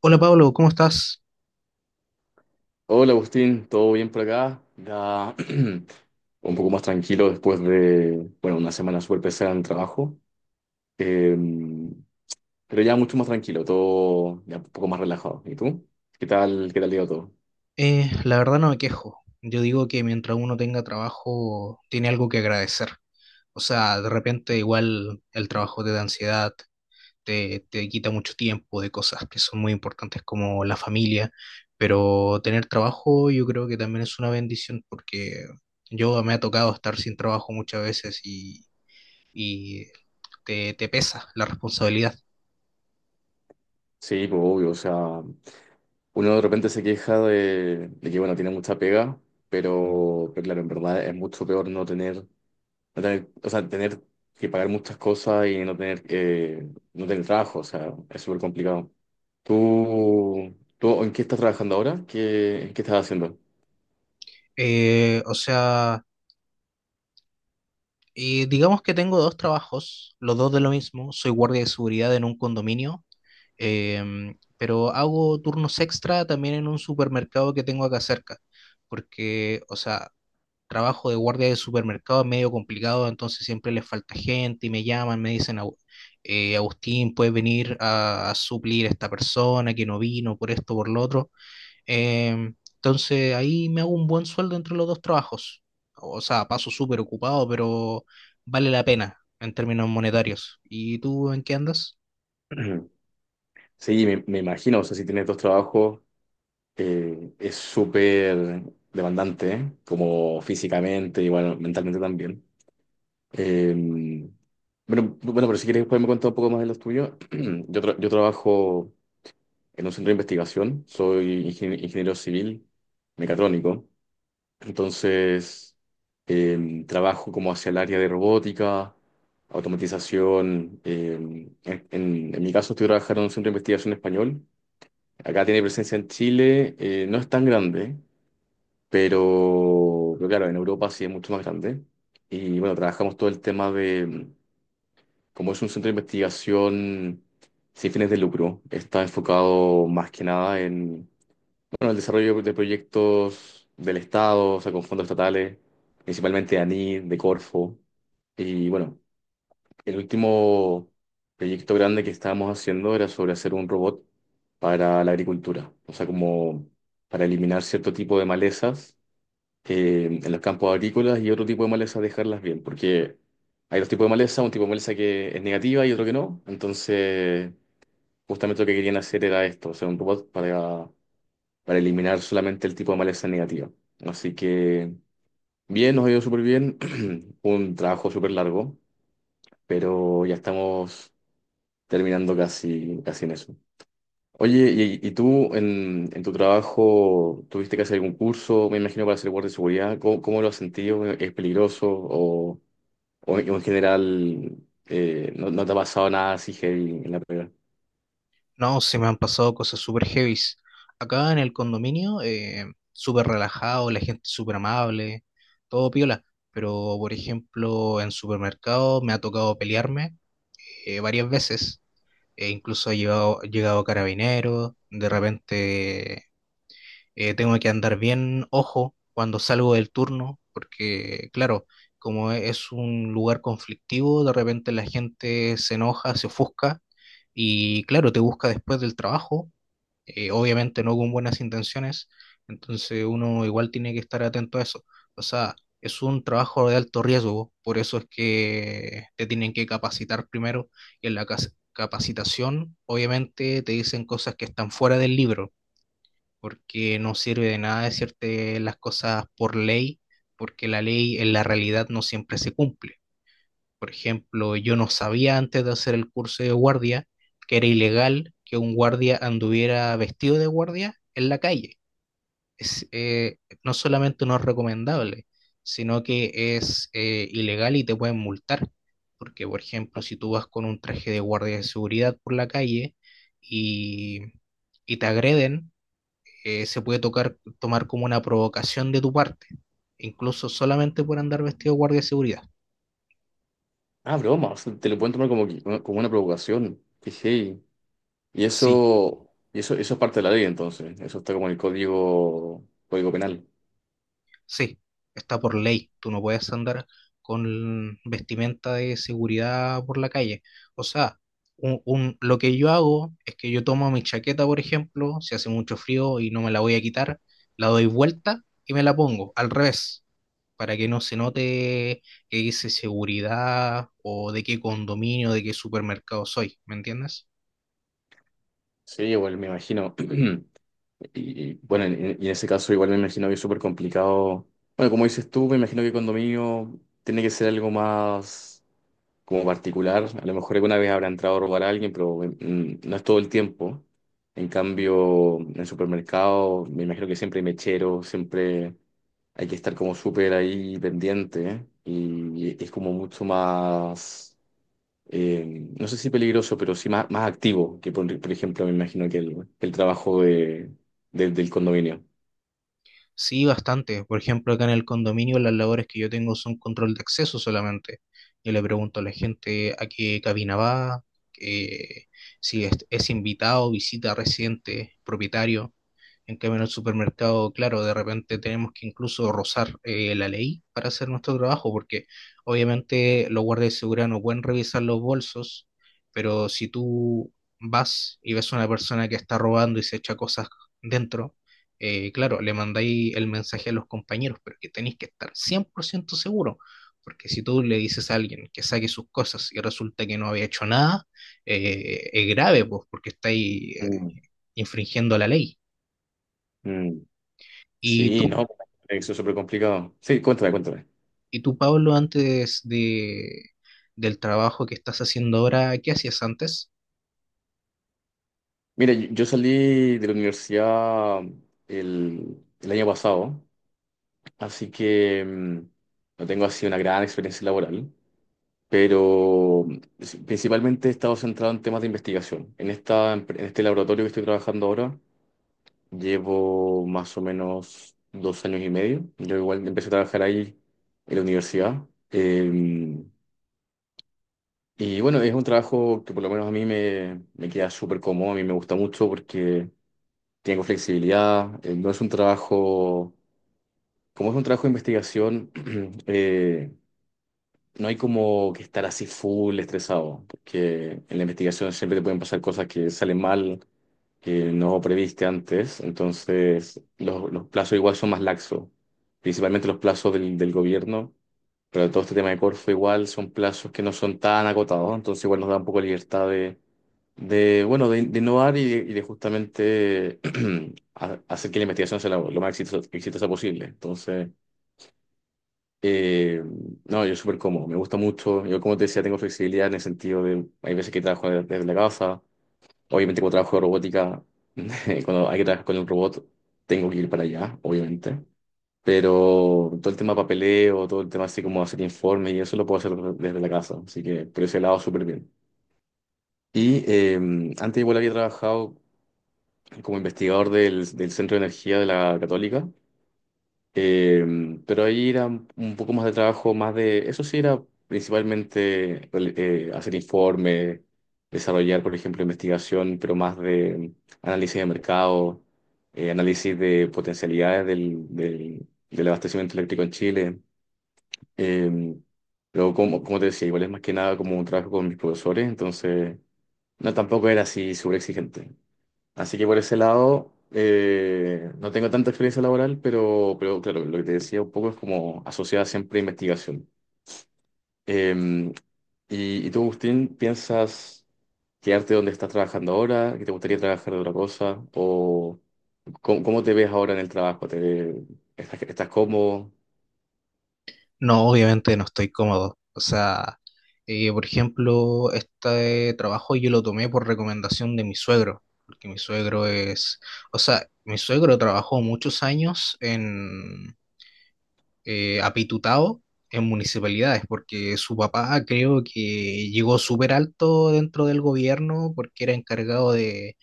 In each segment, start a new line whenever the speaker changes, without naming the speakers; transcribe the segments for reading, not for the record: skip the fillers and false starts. Hola Pablo, ¿cómo estás?
Hola Agustín, ¿todo bien por acá? Ya un poco más tranquilo después de una semana súper pesada en el trabajo, Eh, pero ya mucho más tranquilo, todo ya un poco más relajado. ¿Y tú? Qué tal iba todo?
La verdad no me quejo. Yo digo que mientras uno tenga trabajo, tiene algo que agradecer. O sea, de repente igual el trabajo te da ansiedad, te quita mucho tiempo de cosas que son muy importantes como la familia, pero tener trabajo yo creo que también es una bendición porque yo me ha tocado estar sin trabajo muchas veces y te pesa la responsabilidad.
Sí, pues obvio, o sea, uno de repente se queja de que, bueno, tiene mucha pega, pero claro, en verdad es mucho peor no tener, tener que pagar muchas cosas y no tener, no tener trabajo, o sea, es súper complicado. ¿Tú en qué estás trabajando ahora? ¿Qué, qué estás haciendo?
Eh, o sea... Y digamos que tengo dos trabajos, los dos de lo mismo. Soy guardia de seguridad en un condominio, pero hago turnos extra también en un supermercado que tengo acá cerca, porque, o sea, trabajo de guardia de supermercado es medio complicado, entonces siempre les falta gente y me llaman, me dicen, Agustín, puedes venir a suplir a esta persona que no vino por esto, por lo otro". Entonces ahí me hago un buen sueldo entre los dos trabajos. O sea, paso súper ocupado, pero vale la pena en términos monetarios. ¿Y tú en qué andas?
Sí, me imagino, o sea, si tienes dos trabajos, es súper demandante, ¿eh? Como físicamente, igual mentalmente también. Eh, bueno, pero si quieres, después me cuentas un poco más de los tuyos. Yo trabajo en un centro de investigación, soy ingeniero civil mecatrónico. Entonces, trabajo como hacia el área de robótica, automatización. En mi caso, estoy trabajando en un centro de investigación español. Acá tiene presencia en Chile, no es tan grande, pero claro, en Europa sí es mucho más grande. Y bueno, trabajamos todo el tema de, como es un centro de investigación sin fines de lucro, está enfocado más que nada bueno, el desarrollo de proyectos del Estado, o sea, con fondos estatales, principalmente de ANI, de Corfo. Y bueno, el último proyecto grande que estábamos haciendo era sobre hacer un robot para la agricultura, o sea, como para eliminar cierto tipo de malezas en los campos agrícolas y otro tipo de malezas dejarlas bien, porque hay dos tipos de maleza, un tipo de maleza que es negativa y otro que no. Entonces, justamente lo que querían hacer era esto, o sea, un robot para eliminar solamente el tipo de maleza negativa. Así que bien, nos ha ido súper bien, un trabajo súper largo, pero ya estamos terminando casi, casi en eso. Oye, ¿y tú en tu trabajo tuviste que hacer algún curso, me imagino, para ser guardia de seguridad? ¿Cómo, cómo lo has sentido? ¿Es peligroso? ¿O, ¿o en general no te ha pasado nada así heavy en la pega?
No, se me han pasado cosas súper heavies. Acá en el condominio, súper relajado, la gente súper amable, todo piola. Pero, por ejemplo, en supermercado me ha tocado pelearme varias veces. E incluso ha llegado, carabinero, de repente. Tengo que andar bien ojo cuando salgo del turno, porque claro, como es un lugar conflictivo, de repente la gente se enoja, se ofusca y claro, te busca después del trabajo, obviamente no con buenas intenciones, entonces uno igual tiene que estar atento a eso. O sea, es un trabajo de alto riesgo, por eso es que te tienen que capacitar primero y en la capacitación obviamente te dicen cosas que están fuera del libro, porque no sirve de nada decirte las cosas por ley, porque la ley en la realidad no siempre se cumple. Por ejemplo, yo no sabía antes de hacer el curso de guardia que era ilegal que un guardia anduviera vestido de guardia en la calle. Es, eh, no solamente no es recomendable, sino que es ilegal y te pueden multar. Porque, por ejemplo, si tú vas con un traje de guardia de seguridad por la calle y, y te agreden, se puede tomar como una provocación de tu parte, incluso solamente por andar vestido de guardia de seguridad.
Ah, broma, o sea, te lo pueden tomar como, como una provocación. Qué heavy. Y
Sí,
eso, eso es parte de la ley, entonces. Eso está como en el código, código penal.
sí, está por ley, tú no puedes andar con vestimenta de seguridad por la calle. O sea, lo que yo hago es que yo tomo mi chaqueta, por ejemplo, si hace mucho frío y no me la voy a quitar, la doy vuelta y me la pongo al revés, para que no se note que dice seguridad o de qué condominio, de qué supermercado soy, ¿me entiendes?
Sí, igual me imagino. Y, bueno, y en ese caso igual me imagino que es súper complicado. Bueno, como dices tú, me imagino que condominio tiene que ser algo más, como particular. A lo mejor alguna vez habrá entrado a robar a alguien, pero no es todo el tiempo. En cambio, en el supermercado me imagino que siempre hay mechero, siempre hay que estar como súper ahí pendiente, ¿eh? Y es como mucho más, no sé si peligroso, pero sí más, más activo que, por ejemplo, me imagino que que el trabajo del condominio.
Sí, bastante. Por ejemplo, acá en el condominio las labores que yo tengo son control de acceso solamente. Yo le pregunto a la gente a qué cabina va, eh, si es invitado, visita, residente, propietario. En cambio, en el supermercado, claro, de repente tenemos que incluso rozar la ley para hacer nuestro trabajo, porque obviamente los guardias de seguridad no pueden revisar los bolsos, pero si tú vas y ves a una persona que está robando y se echa cosas dentro, claro, le mandáis el mensaje a los compañeros, pero que tenéis que estar 100% seguro, porque si tú le dices a alguien que saque sus cosas y resulta que no había hecho nada, es grave, pues, porque estáis
Mm.
infringiendo la ley.
Mm.
¿Y tú
Sí, no, eso es súper complicado. Sí, cuéntame, cuéntame.
Y tú, Pablo, antes del trabajo que estás haciendo ahora, ¿qué hacías antes?
Mira, yo salí de la universidad el año pasado, así que no tengo así una gran experiencia laboral, pero principalmente he estado centrado en temas de investigación. En en este laboratorio que estoy trabajando ahora, llevo más o menos 2 años y medio. Yo igual empecé a trabajar ahí en la universidad. em, y bueno, es un trabajo que por lo menos a mí me queda súper cómodo, a mí me gusta mucho porque tengo flexibilidad, no es un trabajo, como es un trabajo de investigación, eh, no hay como que estar así full estresado, porque en la investigación siempre te pueden pasar cosas que salen mal, que no previste antes, entonces los plazos igual son más laxos, principalmente los plazos del gobierno, pero todo este tema de Corfo igual son plazos que no son tan acotados, entonces igual nos da un poco de libertad de, bueno, de innovar y de justamente hacer que la investigación sea lo más exitosa, exitosa posible. Entonces, eh, no, yo súper cómodo, me gusta mucho. Yo, como te decía, tengo flexibilidad en el sentido de, hay veces que trabajo desde la casa, obviamente cuando trabajo de robótica, cuando hay que trabajar con un robot, tengo que ir para allá, obviamente. Pero todo el tema papeleo, todo el tema así como hacer informes y eso lo puedo hacer desde la casa. Así que por ese lado súper bien. Y antes igual había trabajado como investigador del Centro de Energía de la Católica, eh, pero ahí era un poco más de trabajo, más de, eso sí era principalmente hacer informes, desarrollar, por ejemplo, investigación, pero más de análisis de mercado, análisis de potencialidades del abastecimiento eléctrico en Chile. Eh, pero como, como te decía, igual es más que nada como un trabajo con mis profesores, entonces no, tampoco era así súper exigente. Así que por ese lado, no tengo tanta experiencia laboral, pero claro, lo que te decía un poco es como asociada siempre a investigación. Eh, y tú, Agustín, piensas quedarte donde estás trabajando ahora? ¿Que te gustaría trabajar de otra cosa? ¿O cómo, cómo te ves ahora en el trabajo? Estás cómodo?
No, obviamente no estoy cómodo. O sea, por ejemplo, este trabajo yo lo tomé por recomendación de mi suegro, porque mi suegro es, o sea, mi suegro trabajó muchos años en Apitutao, en municipalidades, porque su papá creo que llegó súper alto dentro del gobierno porque era encargado de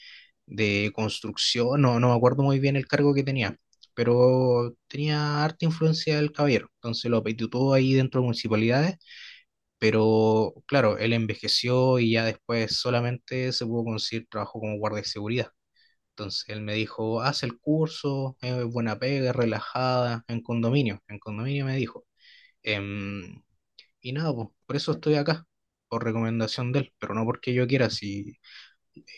construcción, no, no me acuerdo muy bien el cargo que tenía, pero tenía harta influencia del caballero, entonces lo apetitó ahí dentro de municipalidades, pero claro, él envejeció y ya después solamente se pudo conseguir trabajo como guardia de seguridad. Entonces él me dijo, haz el curso, es buena pega, es relajada, en condominio me dijo. Em, y nada, po, por eso estoy acá, por recomendación de él, pero no porque yo quiera, si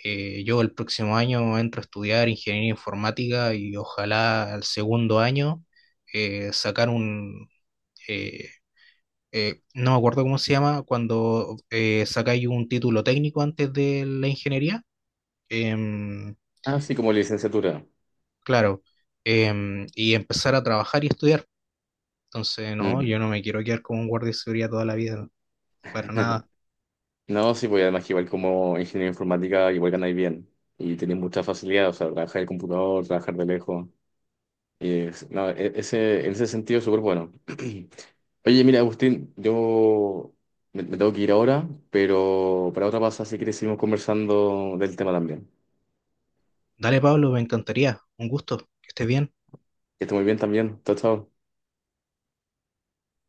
yo el próximo año entro a estudiar ingeniería informática y ojalá al segundo año sacar eh, no me acuerdo cómo se llama, cuando sacáis un título técnico antes de la ingeniería, em,
Ah, sí, como licenciatura.
claro, y empezar a trabajar y estudiar. Entonces, no,
Mm.
yo no me quiero quedar como un guardia de seguridad toda la vida, para nada.
No, sí, pues además que igual como ingeniero informática, igual ganáis bien. Y tenéis mucha facilidad, o sea, trabajar el computador, trabajar de lejos. Y es- no, e- Ese, en ese sentido, súper bueno. Oye, mira, Agustín, yo me tengo que ir ahora, pero para otra pasada, si quieres, seguimos conversando del tema también.
Dale, Pablo, me encantaría. Un gusto, que estés bien.
Que esté muy bien también. Chao, chao.